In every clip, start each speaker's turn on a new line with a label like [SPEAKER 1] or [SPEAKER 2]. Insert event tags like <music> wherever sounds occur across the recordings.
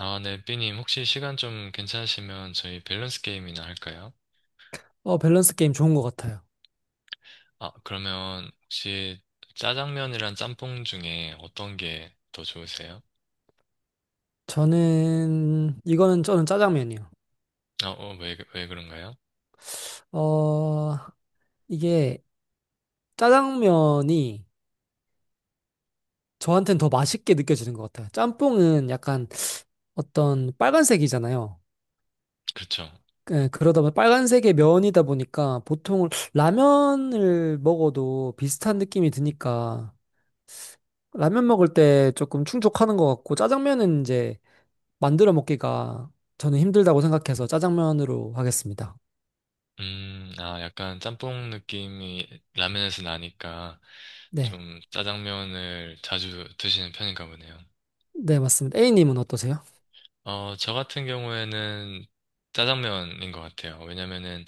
[SPEAKER 1] 아, 네, 삐님, 혹시 시간 좀 괜찮으시면 저희 밸런스 게임이나 할까요?
[SPEAKER 2] 밸런스 게임 좋은 것 같아요.
[SPEAKER 1] 아, 그러면 혹시 짜장면이랑 짬뽕 중에 어떤 게 더 좋으세요?
[SPEAKER 2] 이거는 저는 짜장면이요.
[SPEAKER 1] 아, 어, 왜 그런가요?
[SPEAKER 2] 어, 이게 짜장면이 저한테는 더 맛있게 느껴지는 것 같아요. 짬뽕은 약간 어떤 빨간색이잖아요.
[SPEAKER 1] 그렇죠.
[SPEAKER 2] 예, 그러다 보니 빨간색의 면이다 보니까 보통 라면을 먹어도 비슷한 느낌이 드니까 라면 먹을 때 조금 충족하는 것 같고 짜장면은 이제 만들어 먹기가 저는 힘들다고 생각해서 짜장면으로 하겠습니다.
[SPEAKER 1] 아, 약간 짬뽕 느낌이 라면에서 나니까
[SPEAKER 2] 네.
[SPEAKER 1] 좀 짜장면을 자주 드시는 편인가 보네요.
[SPEAKER 2] 네, 맞습니다. A님은 어떠세요?
[SPEAKER 1] 어, 저 같은 경우에는 짜장면인 것 같아요. 왜냐면은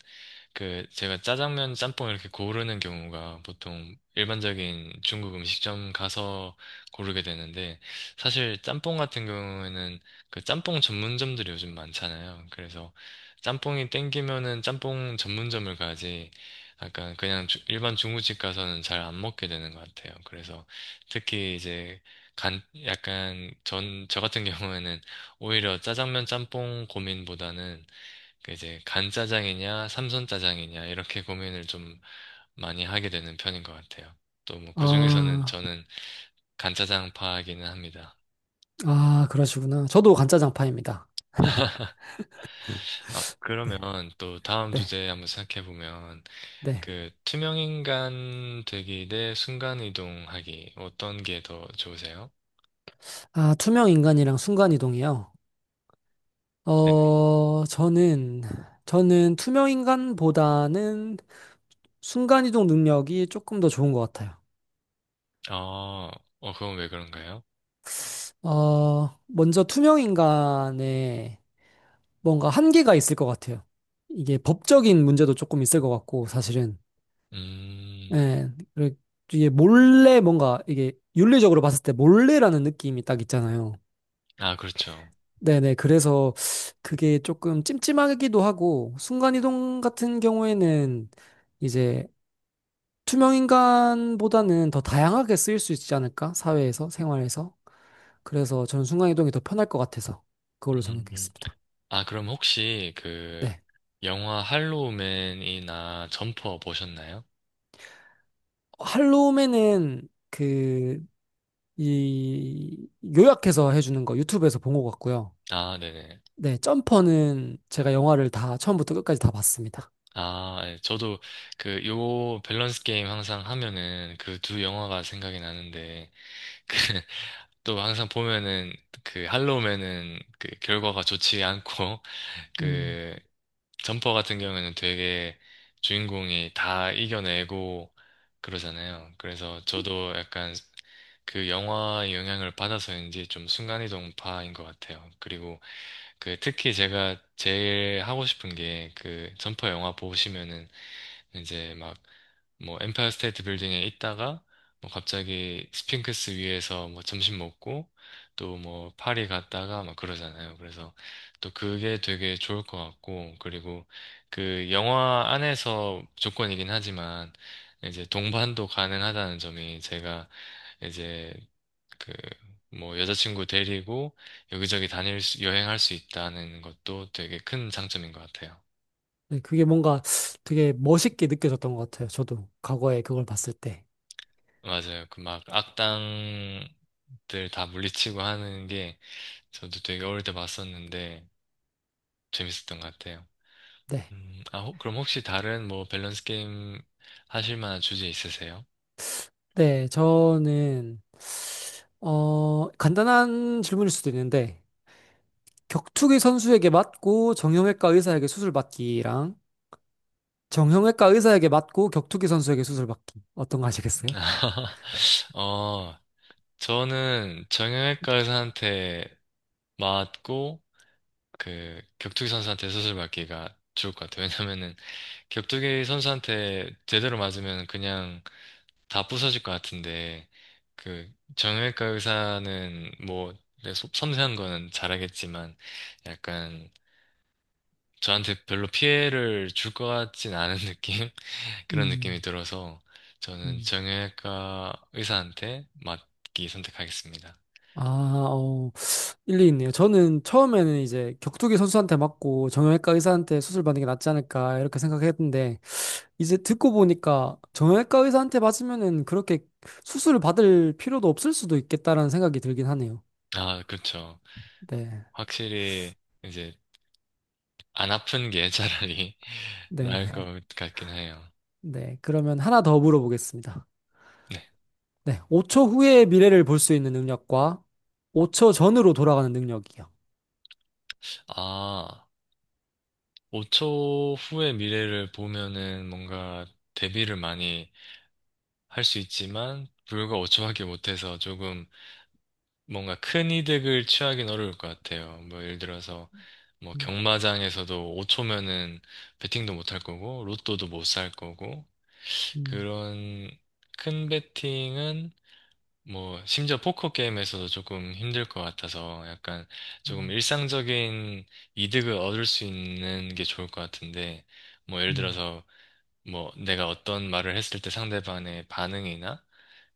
[SPEAKER 1] 그 제가 짜장면, 짬뽕 이렇게 고르는 경우가 보통 일반적인 중국 음식점 가서 고르게 되는데, 사실 짬뽕 같은 경우에는 그 짬뽕 전문점들이 요즘 많잖아요. 그래서 짬뽕이 땡기면은 짬뽕 전문점을 가지, 약간 그냥 일반 중국집 가서는 잘 안 먹게 되는 것 같아요. 그래서 특히 이제 간 약간 전 저 같은 경우에는 오히려 짜장면 짬뽕 고민보다는 그 이제 간짜장이냐, 삼선짜장이냐, 이렇게 고민을 좀 많이 하게 되는 편인 것 같아요. 또 뭐 그중에서는
[SPEAKER 2] 아,
[SPEAKER 1] 저는 간짜장파이기는 합니다.
[SPEAKER 2] 아, 그러시구나. 저도 간짜장파입니다.
[SPEAKER 1] <laughs> 아, 그러면 또 다음
[SPEAKER 2] 네,
[SPEAKER 1] 주제에 한번 생각해 보면
[SPEAKER 2] 네.
[SPEAKER 1] 그 투명인간 되기 대 순간이동하기 어떤 게 더 좋으세요?
[SPEAKER 2] 아, 투명인간이랑 순간이동이요.
[SPEAKER 1] 네.
[SPEAKER 2] 어, 저는, 저는 투명인간보다는 순간이동 능력이 조금 더 좋은 것 같아요.
[SPEAKER 1] 어, 어, 그건 왜 그런가요?
[SPEAKER 2] 먼저 투명인간에 뭔가 한계가 있을 것 같아요. 이게 법적인 문제도 조금 있을 것 같고, 사실은.
[SPEAKER 1] 음,
[SPEAKER 2] 예, 그리고 이게 몰래 뭔가 이게 윤리적으로 봤을 때 몰래라는 느낌이 딱 있잖아요.
[SPEAKER 1] 아, 그렇죠.
[SPEAKER 2] 네네. 그래서 그게 조금 찜찜하기도 하고, 순간이동 같은 경우에는 이제 투명인간보다는 더 다양하게 쓰일 수 있지 않을까? 사회에서, 생활에서. 그래서 저는 순간이동이 더 편할 것 같아서 그걸로
[SPEAKER 1] 음.
[SPEAKER 2] 정했겠습니다.
[SPEAKER 1] 아, 그럼 혹시 그
[SPEAKER 2] 네.
[SPEAKER 1] 영화 할로우맨이나 점퍼 보셨나요?
[SPEAKER 2] 할로우맨은 요약해서 해주는 거 유튜브에서 본 것 같고요.
[SPEAKER 1] 아, 네네.
[SPEAKER 2] 네. 점퍼는 제가 영화를 다 처음부터 끝까지 다 봤습니다.
[SPEAKER 1] 아, 예, 저도 그 요 밸런스 게임 항상 하면은 그 두 영화가 생각이 나는데, 또 항상 보면은 그 할로우맨은 그 결과가 좋지 않고 <laughs>
[SPEAKER 2] 음.
[SPEAKER 1] 그 점퍼 같은 경우에는 되게 주인공이 다 이겨내고 그러잖아요. 그래서 저도 약간 그 영화의 영향을 받아서인지 좀 순간이동파인 것 같아요. 그리고 그 특히 제가 제일 하고 싶은 게, 그 점퍼 영화 보시면은 이제 막 뭐 엠파이어 스테이트 빌딩에 있다가 뭐 갑자기 스핑크스 위에서 뭐 점심 먹고 또 뭐 파리 갔다가 막 그러잖아요. 그래서 또 그게 되게 좋을 것 같고, 그리고 그 영화 안에서 조건이긴 하지만 이제 동반도 가능하다는 점이, 제가 이제 그 뭐 여자친구 데리고 여기저기 다닐 수, 여행할 수 있다는 것도 되게 큰 장점인 것 같아요.
[SPEAKER 2] 네, 그게 뭔가 되게 멋있게 느껴졌던 것 같아요. 저도 과거에 그걸 봤을 때.
[SPEAKER 1] 맞아요. 그 막 악당 들 다 물리치고 하는 게, 저도 되게 어릴 때 봤었는데 재밌었던 것 같아요.
[SPEAKER 2] 네.
[SPEAKER 1] 아, 그럼 혹시 다른 뭐 밸런스 게임 하실 만한 주제 있으세요?
[SPEAKER 2] 네, 간단한 질문일 수도 있는데, 격투기 선수에게 맞고 정형외과 의사에게 수술 받기랑 정형외과 의사에게 맞고 격투기 선수에게 수술 받기. 어떤 거 하시겠어요?
[SPEAKER 1] <laughs> 어, 저는 정형외과 의사한테 맞고 그 격투기 선수한테 수술 받기가 좋을 것 같아요. 왜냐면은 격투기 선수한테 제대로 맞으면 그냥 다 부서질 것 같은데, 그, 정형외과 의사는 뭐, 네, 소- 섬세한 거는 잘하겠지만, 약간, 저한테 별로 피해를 줄 것 같진 않은 <laughs> 느낌? 그런 느낌이
[SPEAKER 2] 음,
[SPEAKER 1] 들어서, 저는
[SPEAKER 2] 음.
[SPEAKER 1] 정형외과 의사한테 맡기 선택하겠습니다.
[SPEAKER 2] 아, 어, 일리 있네요. 저는 처음에는 이제 격투기 선수한테 맞고 정형외과 의사한테 수술 받는 게 낫지 않을까 이렇게 생각했는데, 이제 듣고 보니까 정형외과 의사한테 맞으면은 그렇게 수술을 받을 필요도 없을 수도 있겠다라는 생각이 들긴 하네요.
[SPEAKER 1] 아, 그렇죠.
[SPEAKER 2] 네.
[SPEAKER 1] 확실히, 이제, 안 아픈 게 차라리 <laughs>
[SPEAKER 2] 네.
[SPEAKER 1] 나을 것
[SPEAKER 2] <laughs>
[SPEAKER 1] 같긴 해요.
[SPEAKER 2] 네. 그러면 하나 더 물어보겠습니다.
[SPEAKER 1] 네.
[SPEAKER 2] 네. 5초 후의 미래를 볼 수 있는 능력과 5초 전으로 돌아가는 능력이요.
[SPEAKER 1] 아. 5초 후의 미래를 보면은 뭔가 대비를 많이 할 수 있지만, 불과 5초밖에 못해서 조금 뭔가 큰 이득을 취하기는 어려울 것 같아요. 뭐 예를 들어서 뭐
[SPEAKER 2] 음,
[SPEAKER 1] 경마장에서도 5초면은 베팅도 못할 거고 로또도 못 살 거고,
[SPEAKER 2] 음,
[SPEAKER 1] 그런 큰 베팅은 뭐 심지어 포커 게임에서도 조금 힘들 것 같아서, 약간 조금
[SPEAKER 2] 음,
[SPEAKER 1] 일상적인 이득을 얻을 수 있는 게 좋을 것 같은데, 뭐 예를
[SPEAKER 2] 음,
[SPEAKER 1] 들어서 뭐 내가 어떤 말을 했을 때 상대방의 반응이나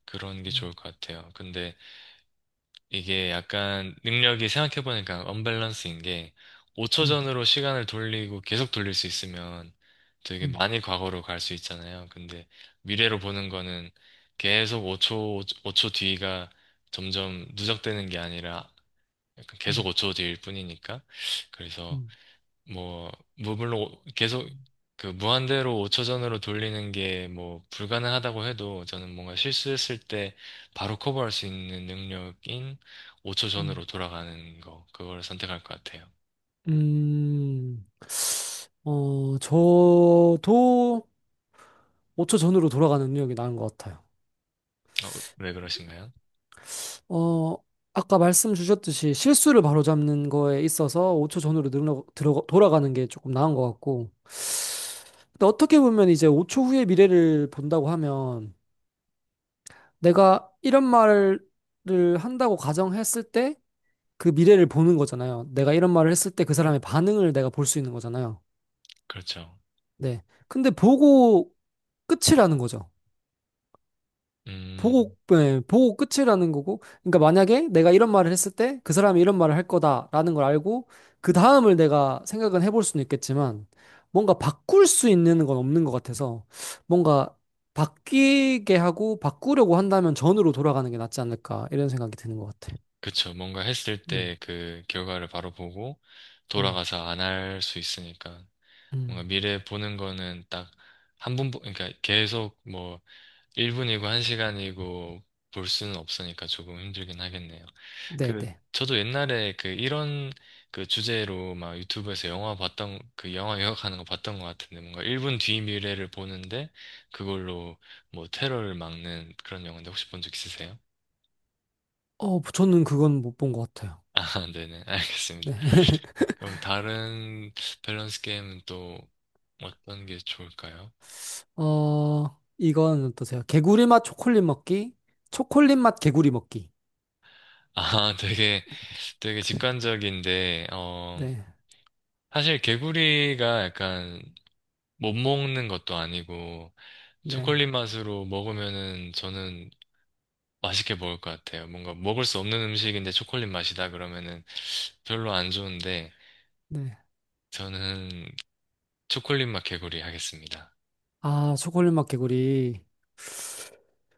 [SPEAKER 1] 그런 게
[SPEAKER 2] 음,
[SPEAKER 1] 좋을 것 같아요. 근데 이게 약간 능력이 생각해보니까 언밸런스인 게, 5초
[SPEAKER 2] 음,
[SPEAKER 1] 전으로 시간을 돌리고 계속 돌릴 수 있으면 되게
[SPEAKER 2] 음,
[SPEAKER 1] 많이 과거로 갈 수 있잖아요. 근데 미래로 보는 거는 계속 5초, 5초 뒤가 점점 누적되는 게 아니라 약간 계속
[SPEAKER 2] 음,
[SPEAKER 1] 5초 뒤일 뿐이니까. 그래서
[SPEAKER 2] 음,
[SPEAKER 1] 뭐, 뭐 물론 계속 그 무한대로 5초 전으로 돌리는 게 뭐 불가능하다고 해도, 저는 뭔가 실수했을 때 바로 커버할 수 있는 능력인 5초
[SPEAKER 2] 음.
[SPEAKER 1] 전으로 돌아가는 거, 그걸 선택할 것 같아요.
[SPEAKER 2] 음, 저도 5초 전으로 돌아가는 능력이 나은 것 같아요.
[SPEAKER 1] 어, 왜 그러신가요?
[SPEAKER 2] 어, 아까 말씀 주셨듯이 실수를 바로잡는 거에 있어서 5초 전으로 돌아가는 게 조금 나은 것 같고. 근데 어떻게 보면 이제 5초 후의 미래를 본다고 하면 내가 이런 말을 한다고 가정했을 때 그 미래를 보는 거잖아요. 내가 이런 말을 했을 때 그 사람의 반응을 내가 볼 수 있는 거잖아요.
[SPEAKER 1] 그렇죠.
[SPEAKER 2] 네. 근데 보고 끝이라는 거죠.
[SPEAKER 1] 음,
[SPEAKER 2] 보고, 네, 보고 끝이라는 거고. 그러니까 만약에 내가 이런 말을 했을 때 그 사람이 이런 말을 할 거다라는 걸 알고 그 다음을 내가 생각은 해볼 수는 있겠지만 뭔가 바꿀 수 있는 건 없는 것 같아서 뭔가 바뀌게 하고 바꾸려고 한다면 전으로 돌아가는 게 낫지 않을까 이런 생각이 드는 것 같아.
[SPEAKER 1] 그쵸. 뭔가 했을
[SPEAKER 2] 음,
[SPEAKER 1] 때 그 결과를 바로 보고
[SPEAKER 2] 음,
[SPEAKER 1] 돌아가서 안 할 수 있으니까. 뭔가
[SPEAKER 2] 음.
[SPEAKER 1] 미래 보는 거는 딱 한 번, 그러니까 계속 뭐 1분이고 1시간이고 볼 수는 없으니까 조금 힘들긴 하겠네요. 그
[SPEAKER 2] 네네.
[SPEAKER 1] 저도 옛날에 그 이런 그 주제로 막 유튜브에서 영화 봤던, 그 영화 요약하는 거 봤던 것 같은데, 뭔가 1분 뒤 미래를 보는데 그걸로 뭐 테러를 막는 그런 영화인데 혹시 본 적 있으세요?
[SPEAKER 2] 저는 그건 못 본 것 같아요.
[SPEAKER 1] <laughs> 아, 네네. 알겠습니다.
[SPEAKER 2] 네. <laughs>
[SPEAKER 1] 그럼 다른 밸런스 게임은 또 어떤 게 좋을까요?
[SPEAKER 2] 이건 어떠세요? 개구리 맛 초콜릿 먹기, 초콜릿 맛 개구리 먹기.
[SPEAKER 1] 아, <laughs> 되게, 되게 직관적인데, 어,
[SPEAKER 2] 네.
[SPEAKER 1] 사실 개구리가 약간 못 먹는 것도 아니고,
[SPEAKER 2] 네,
[SPEAKER 1] 초콜릿 맛으로 먹으면은 저는 맛있게 먹을 것 같아요. 뭔가 먹을 수 없는 음식인데 초콜릿 맛이다 그러면은 별로 안 좋은데,
[SPEAKER 2] 네.
[SPEAKER 1] 저는 초콜릿 맛 개구리 하겠습니다.
[SPEAKER 2] 아, 초콜릿 맛 개구리.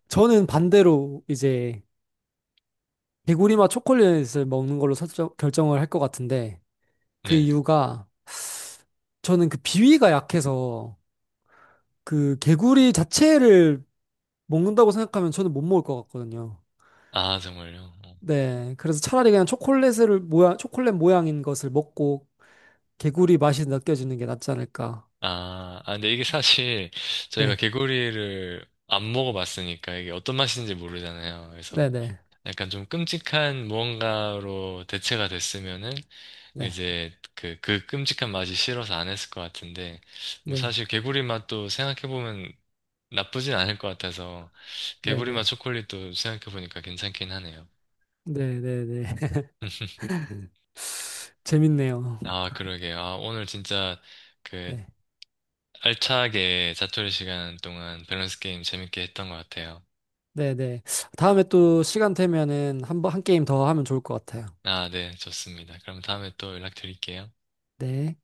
[SPEAKER 2] 저는 반대로 이제 개구리 맛 초콜릿을 먹는 걸로 결정을 할 것 같은데 그
[SPEAKER 1] 네.
[SPEAKER 2] 이유가 저는 그 비위가 약해서 그 개구리 자체를 먹는다고 생각하면 저는 못 먹을 것 같거든요.
[SPEAKER 1] 아, 정말요? 어.
[SPEAKER 2] 네, 그래서 차라리 그냥 초콜릿 모양인 것을 먹고 개구리 맛이 느껴지는 게 낫지 않을까.
[SPEAKER 1] 아, 근데 이게 사실 저희가
[SPEAKER 2] 네,
[SPEAKER 1] 개구리를 안 먹어봤으니까 이게 어떤 맛인지 모르잖아요. 그래서
[SPEAKER 2] 네, 네,
[SPEAKER 1] 약간 좀 끔찍한 무언가로 대체가 됐으면은
[SPEAKER 2] 네,
[SPEAKER 1] 이제 그, 그 끔찍한 맛이 싫어서 안 했을 것 같은데, 뭐
[SPEAKER 2] 네,
[SPEAKER 1] 사실 개구리 맛도 생각해보면 나쁘진 않을 것 같아서,
[SPEAKER 2] 네,
[SPEAKER 1] 개구리 맛
[SPEAKER 2] 네,
[SPEAKER 1] 초콜릿도 생각해보니까 괜찮긴 하네요.
[SPEAKER 2] 네, 네, 네.
[SPEAKER 1] <laughs>
[SPEAKER 2] <laughs> 재밌네요.
[SPEAKER 1] 아, 그러게요. 아, 오늘 진짜 그
[SPEAKER 2] 네.
[SPEAKER 1] 알차게 자투리 시간 동안 밸런스 게임 재밌게 했던 것 같아요.
[SPEAKER 2] 네네. 다음에 또 시간 되면은 한 게임 더 하면 좋을 것 같아요.
[SPEAKER 1] 아, 네, 좋습니다. 그럼 다음에 또 연락드릴게요.
[SPEAKER 2] 네.